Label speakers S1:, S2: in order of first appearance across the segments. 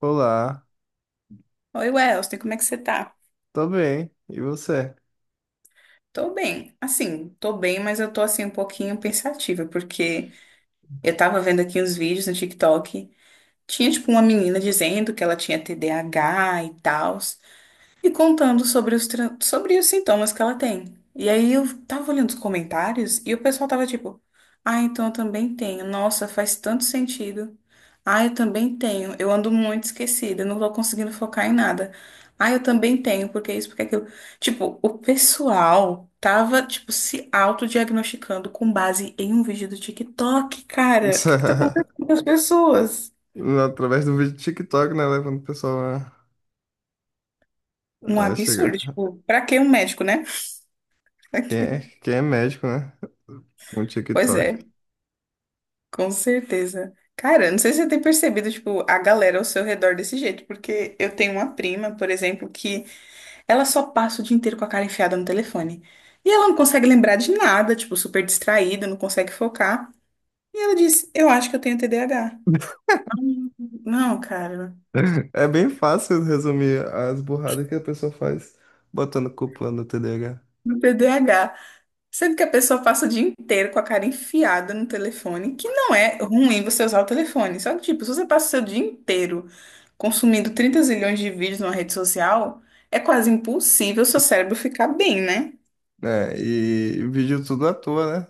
S1: Olá,
S2: Oi, Welson, como é que você tá?
S1: tô bem. E você?
S2: Tô bem. Assim, tô bem, mas eu tô assim um pouquinho pensativa, porque eu tava vendo aqui uns vídeos no TikTok. Tinha tipo uma menina dizendo que ela tinha TDAH e tal, e contando sobre os sintomas que ela tem. E aí eu tava olhando os comentários e o pessoal tava tipo, ah, então eu também tenho. Nossa, faz tanto sentido. Ah, eu também tenho. Eu ando muito esquecida, não tô conseguindo focar em nada. Ah, eu também tenho, porque isso, porque aquilo. Tipo, o pessoal tava, tipo, se autodiagnosticando com base em um vídeo do TikTok, cara. O que que tá acontecendo com as pessoas?
S1: Através do vídeo do TikTok, né? Levando o pessoal
S2: Um
S1: a chegar.
S2: absurdo, tipo, pra que um médico, né?
S1: Quem é, quem é médico, né? Um
S2: Pois
S1: TikTok.
S2: é. Com certeza. Cara, não sei se você tem percebido, tipo, a galera ao seu redor desse jeito, porque eu tenho uma prima, por exemplo, que ela só passa o dia inteiro com a cara enfiada no telefone. E ela não consegue lembrar de nada, tipo, super distraída, não consegue focar. E ela disse: eu acho que eu tenho TDAH. Não, cara,
S1: É bem fácil resumir as burradas que a pessoa faz botando culpa no TDAH.
S2: no TDAH. Sendo que a pessoa passa o dia inteiro com a cara enfiada no telefone, que não é ruim você usar o telefone. Só que, tipo, se você passa o seu dia inteiro consumindo 30 zilhões de vídeos numa rede social, é quase impossível seu cérebro ficar bem, né?
S1: É, e vídeo tudo à toa, né?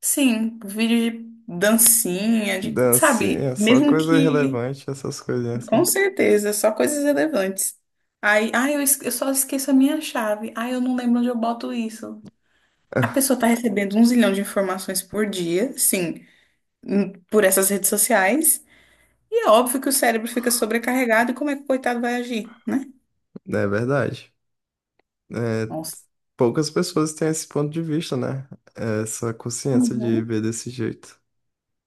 S2: Sim, vídeo de dancinha, de, sabe?
S1: Dancinha, só
S2: Mesmo
S1: coisa
S2: que,
S1: irrelevante, essas coisinhas,
S2: com
S1: né?
S2: certeza, só coisas relevantes. Aí, ai, eu só esqueço a minha chave. Ai, eu não lembro onde eu boto isso. A pessoa tá recebendo um zilhão de informações por dia, sim, por essas redes sociais. E é óbvio que o cérebro fica sobrecarregado e como é que o coitado vai agir, né?
S1: É verdade. É,
S2: Nossa.
S1: poucas pessoas têm esse ponto de vista, né? Essa consciência de
S2: Uhum.
S1: ver desse jeito.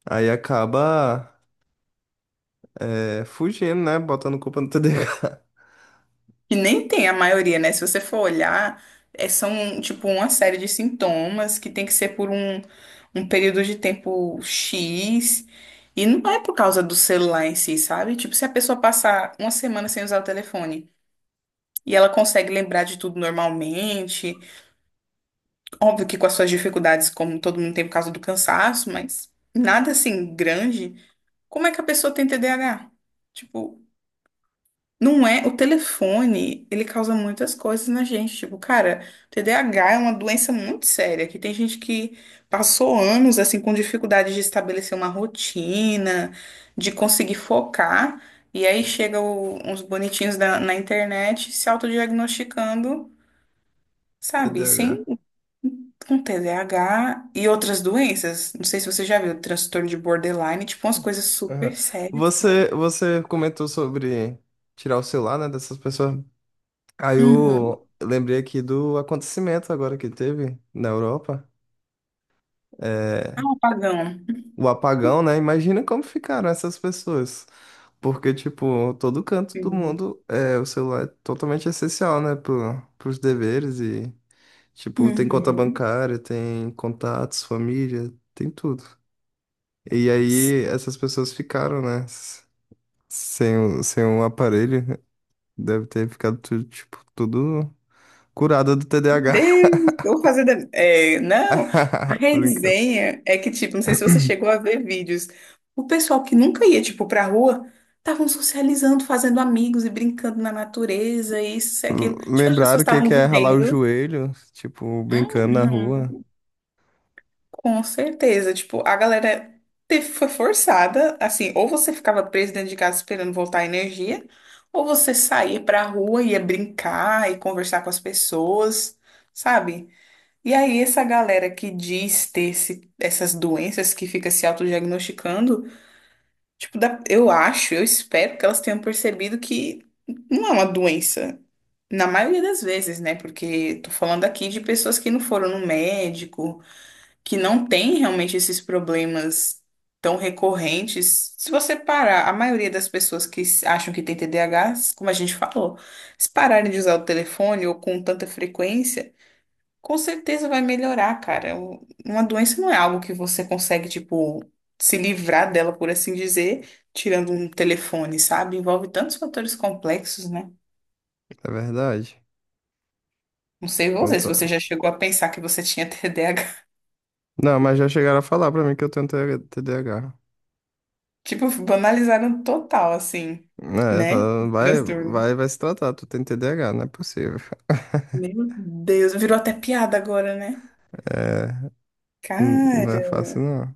S1: Aí acaba fugindo, né? Botando culpa no TDAH.
S2: E nem tem a maioria, né? Se você for olhar, é, são tipo uma série de sintomas que tem que ser por um período de tempo X. E não é por causa do celular em si, sabe? Tipo, se a pessoa passar uma semana sem usar o telefone e ela consegue lembrar de tudo normalmente, óbvio que com as suas dificuldades, como todo mundo tem por causa do cansaço, mas nada assim grande. Como é que a pessoa tem TDAH? Tipo, não é. O telefone, ele causa muitas coisas na gente. Tipo, cara, TDAH é uma doença muito séria, que tem gente que passou anos, assim, com dificuldade de estabelecer uma rotina, de conseguir focar, e aí chega uns bonitinhos na internet se autodiagnosticando, sabe?
S1: TDAH.
S2: Sem. Com TDAH e outras doenças. Não sei se você já viu, transtorno de borderline, tipo, umas coisas super
S1: Aham.
S2: sérias,
S1: Você,
S2: cara.
S1: você comentou sobre tirar o celular, né, dessas pessoas. Aí
S2: Uhum.
S1: eu lembrei aqui do acontecimento agora que teve na Europa.
S2: Ah,
S1: É,
S2: apagão pagão.
S1: o apagão, né? Imagina como ficaram essas pessoas. Porque, tipo, todo canto do
S2: Uhum.
S1: mundo, o celular é totalmente essencial, né? Pros deveres e, tipo, tem conta
S2: Uhum.
S1: bancária, tem contatos, família, tem tudo. E aí essas pessoas ficaram, né? Sem um aparelho. Deve ter ficado tudo, tipo, tudo curada do TDAH.
S2: Deus, vou fazer. É, não, a
S1: Tô brincando.
S2: resenha é que, tipo, não sei se você chegou a ver vídeos. O pessoal que nunca ia, tipo, pra rua, estavam socializando, fazendo amigos e brincando na natureza, isso e aquilo. Tipo, as
S1: Lembraram
S2: pessoas
S1: o que
S2: estavam
S1: que é ralar o
S2: vivendo.
S1: joelho, tipo, brincando na rua.
S2: Uhum. Com certeza, tipo, a galera foi forçada, assim, ou você ficava preso dentro de casa esperando voltar a energia, ou você saía pra rua, ia brincar e conversar com as pessoas, sabe? E aí essa galera que diz ter essas doenças, que fica se autodiagnosticando, tipo, eu acho, eu espero que elas tenham percebido que não é uma doença, na maioria das vezes, né? Porque tô falando aqui de pessoas que não foram no médico, que não tem realmente esses problemas tão recorrentes. Se você parar, a maioria das pessoas que acham que tem TDAH, como a gente falou, se pararem de usar o telefone ou com tanta frequência, com certeza vai melhorar, cara. Uma doença não é algo que você consegue, tipo, se livrar dela, por assim dizer, tirando um telefone, sabe? Envolve tantos fatores complexos, né?
S1: É verdade.
S2: Não sei você, se
S1: Conta.
S2: você já chegou a pensar que você tinha TDAH.
S1: Não, mas já chegaram a falar pra mim que eu tenho TH TDAH.
S2: Tipo, banalizaram total, assim,
S1: É,
S2: né?
S1: falando,
S2: Esse
S1: vai,
S2: transtorno.
S1: vai, vai se tratar, tu tem TDAH, não é possível.
S2: Meu Deus, virou até piada agora, né?
S1: É, não é
S2: Cara,
S1: fácil, não.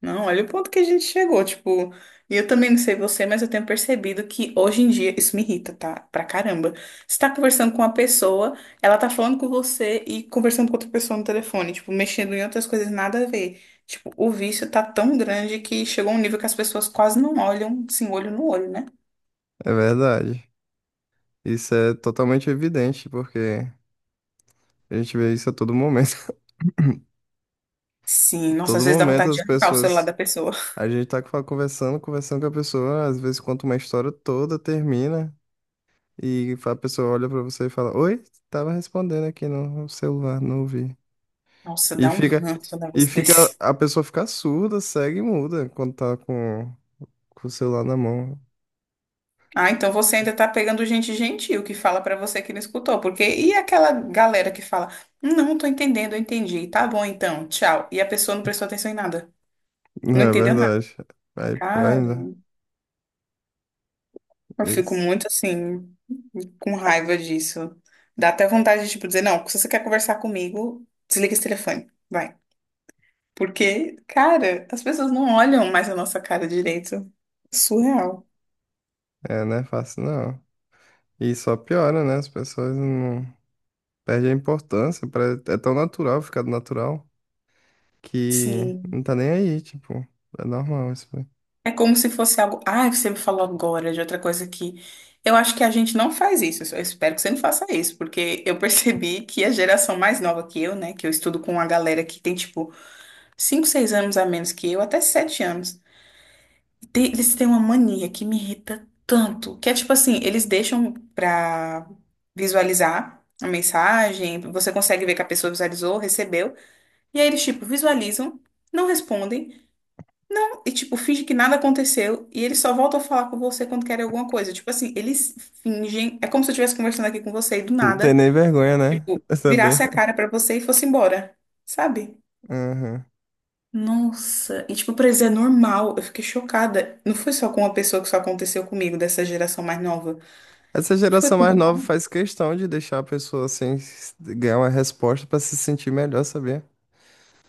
S2: não, olha o ponto que a gente chegou, tipo, e eu também não sei você, mas eu tenho percebido que hoje em dia isso me irrita, tá? Pra caramba. Você tá conversando com uma pessoa, ela tá falando com você e conversando com outra pessoa no telefone, tipo, mexendo em outras coisas nada a ver. Tipo, o vício tá tão grande que chegou a um nível que as pessoas quase não olham, assim, olho no olho, né?
S1: É verdade. Isso é totalmente evidente, porque a gente vê isso a todo momento.
S2: Sim, nossa,
S1: Todo
S2: às vezes dá
S1: momento
S2: vontade
S1: as
S2: de arrancar o celular
S1: pessoas.
S2: da pessoa.
S1: A gente tá conversando com a pessoa, às vezes conta uma história toda, termina, e a pessoa olha pra você e fala: Oi, tava respondendo aqui no celular, não ouvi.
S2: Nossa,
S1: E
S2: dá um
S1: fica.
S2: ranço um
S1: E
S2: negócio
S1: fica.
S2: desse.
S1: A pessoa fica surda, cega e muda quando tá com o celular na mão.
S2: Ah, então você ainda tá pegando gente gentil que fala pra você que não escutou, porque e aquela galera que fala, não tô entendendo, eu entendi, tá bom então, tchau. E a pessoa não prestou atenção em nada,
S1: Não
S2: não
S1: é
S2: entendeu nada.
S1: verdade. Aí pior
S2: Cara,
S1: ainda.
S2: eu fico
S1: Isso.
S2: muito assim, com raiva disso. Dá até vontade de, tipo, dizer, não, se você quer conversar comigo, desliga esse telefone, vai. Porque, cara, as pessoas não olham mais a nossa cara direito. Surreal.
S1: É, não é fácil, não. E só piora, né? As pessoas não. Perde a importância, é tão natural ficar natural que
S2: Sim.
S1: não tá nem aí, tipo, é normal isso. Aí.
S2: É como se fosse algo. Ah, você me falou agora de outra coisa que eu acho que a gente não faz isso. Eu espero que você não faça isso, porque eu percebi que a geração mais nova que eu, né, que eu estudo com uma galera que tem tipo 5, 6 anos a menos que eu, até 7 anos, eles têm uma mania que me irrita tanto, que é tipo assim, eles deixam pra visualizar a mensagem, você consegue ver que a pessoa visualizou, recebeu, e aí eles tipo visualizam, não respondem. Não, e tipo, finge que nada aconteceu e eles só voltam a falar com você quando querem alguma coisa. Tipo assim, eles fingem, é como se eu estivesse conversando aqui com você e do
S1: Não tem
S2: nada,
S1: nem vergonha, né?
S2: tipo,
S1: Também.
S2: virasse a cara pra você e fosse embora, sabe?
S1: Aham.
S2: Nossa, e tipo, pra eles é normal, eu fiquei chocada. Não foi só com uma pessoa que só aconteceu comigo, dessa geração mais nova.
S1: Essa
S2: Foi
S1: geração
S2: com
S1: mais
S2: você
S1: nova faz questão de deixar a pessoa assim ganhar uma resposta pra se sentir melhor, saber.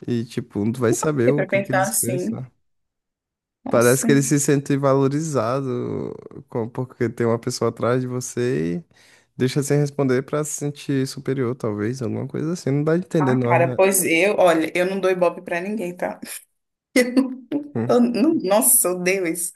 S1: E tipo, não vai saber o
S2: pra
S1: que que
S2: pensar
S1: eles
S2: assim.
S1: pensam. Parece
S2: Nossa.
S1: que eles se sentem valorizados porque tem uma pessoa atrás de você e deixa sem responder pra se sentir superior, talvez, alguma coisa assim. Não dá de entender,
S2: Ah,
S1: não
S2: cara,
S1: é?
S2: pois eu, olha, eu não dou ibope pra ninguém, tá? Eu não,
S1: Hum.
S2: nossa, eu odeio isso.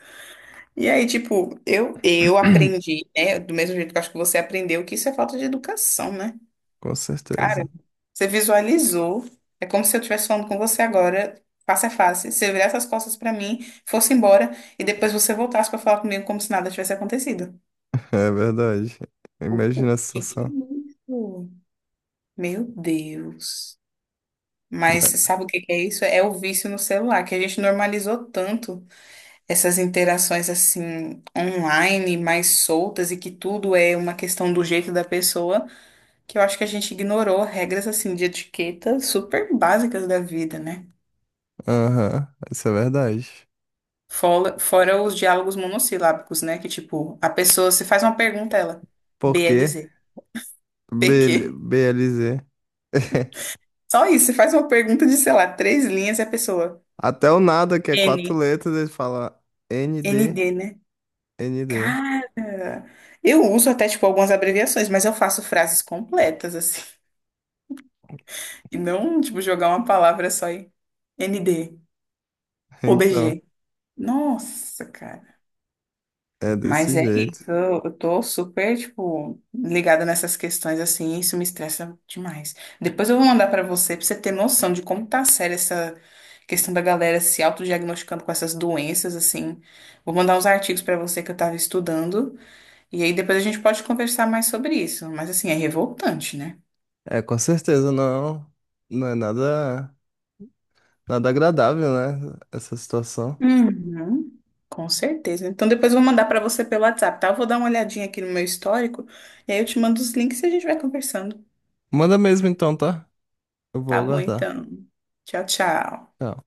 S2: E aí, tipo, eu aprendi, né? Do mesmo jeito que eu acho que você aprendeu, que isso é falta de educação, né?
S1: Com
S2: Cara,
S1: certeza.
S2: você visualizou. É como se eu estivesse falando com você agora, face a face. Você virasse as costas pra mim, fosse embora, e depois você voltasse pra falar comigo como se nada tivesse acontecido.
S1: É verdade.
S2: O,
S1: Imagina a
S2: o que que é
S1: situação.
S2: isso? Meu Deus. Mas
S1: Mas-
S2: sabe o que que é isso? É o vício no celular, que a gente normalizou tanto. Essas interações assim online mais soltas e que tudo é uma questão do jeito da pessoa, que eu acho que a gente ignorou regras assim de etiqueta super básicas da vida, né?
S1: Aham, isso é verdade.
S2: Fora os diálogos monossilábicos, né? Que tipo, a pessoa se faz uma pergunta, ela
S1: Porque
S2: BLZ,
S1: b
S2: PQ.
S1: BLZ.
S2: Só isso, você faz uma pergunta de, sei lá, três linhas e a pessoa
S1: Até o nada, que é quatro
S2: N,
S1: letras, ele fala ND,
S2: ND, né?
S1: ND.
S2: Cara, eu uso até tipo algumas abreviações, mas eu faço frases completas assim. E não, tipo, jogar uma palavra só e ND,
S1: Então,
S2: OBG. Nossa, cara.
S1: é desse
S2: Mas é
S1: jeito.
S2: isso, eu tô super, tipo, ligada nessas questões assim, e isso me estressa demais. Depois eu vou mandar pra você ter noção de como tá séria essa questão da galera se autodiagnosticando com essas doenças, assim. Vou mandar uns artigos pra você que eu tava estudando, e aí depois a gente pode conversar mais sobre isso. Mas assim, é revoltante, né?
S1: É, com certeza não, não é nada, nada agradável, né? Essa situação.
S2: Uhum, com certeza. Então depois eu vou mandar para você pelo WhatsApp, tá? Eu vou dar uma olhadinha aqui no meu histórico e aí eu te mando os links e a gente vai conversando.
S1: Manda mesmo então, tá? Eu vou
S2: Tá bom,
S1: aguardar.
S2: então. Tchau, tchau.
S1: Tchau.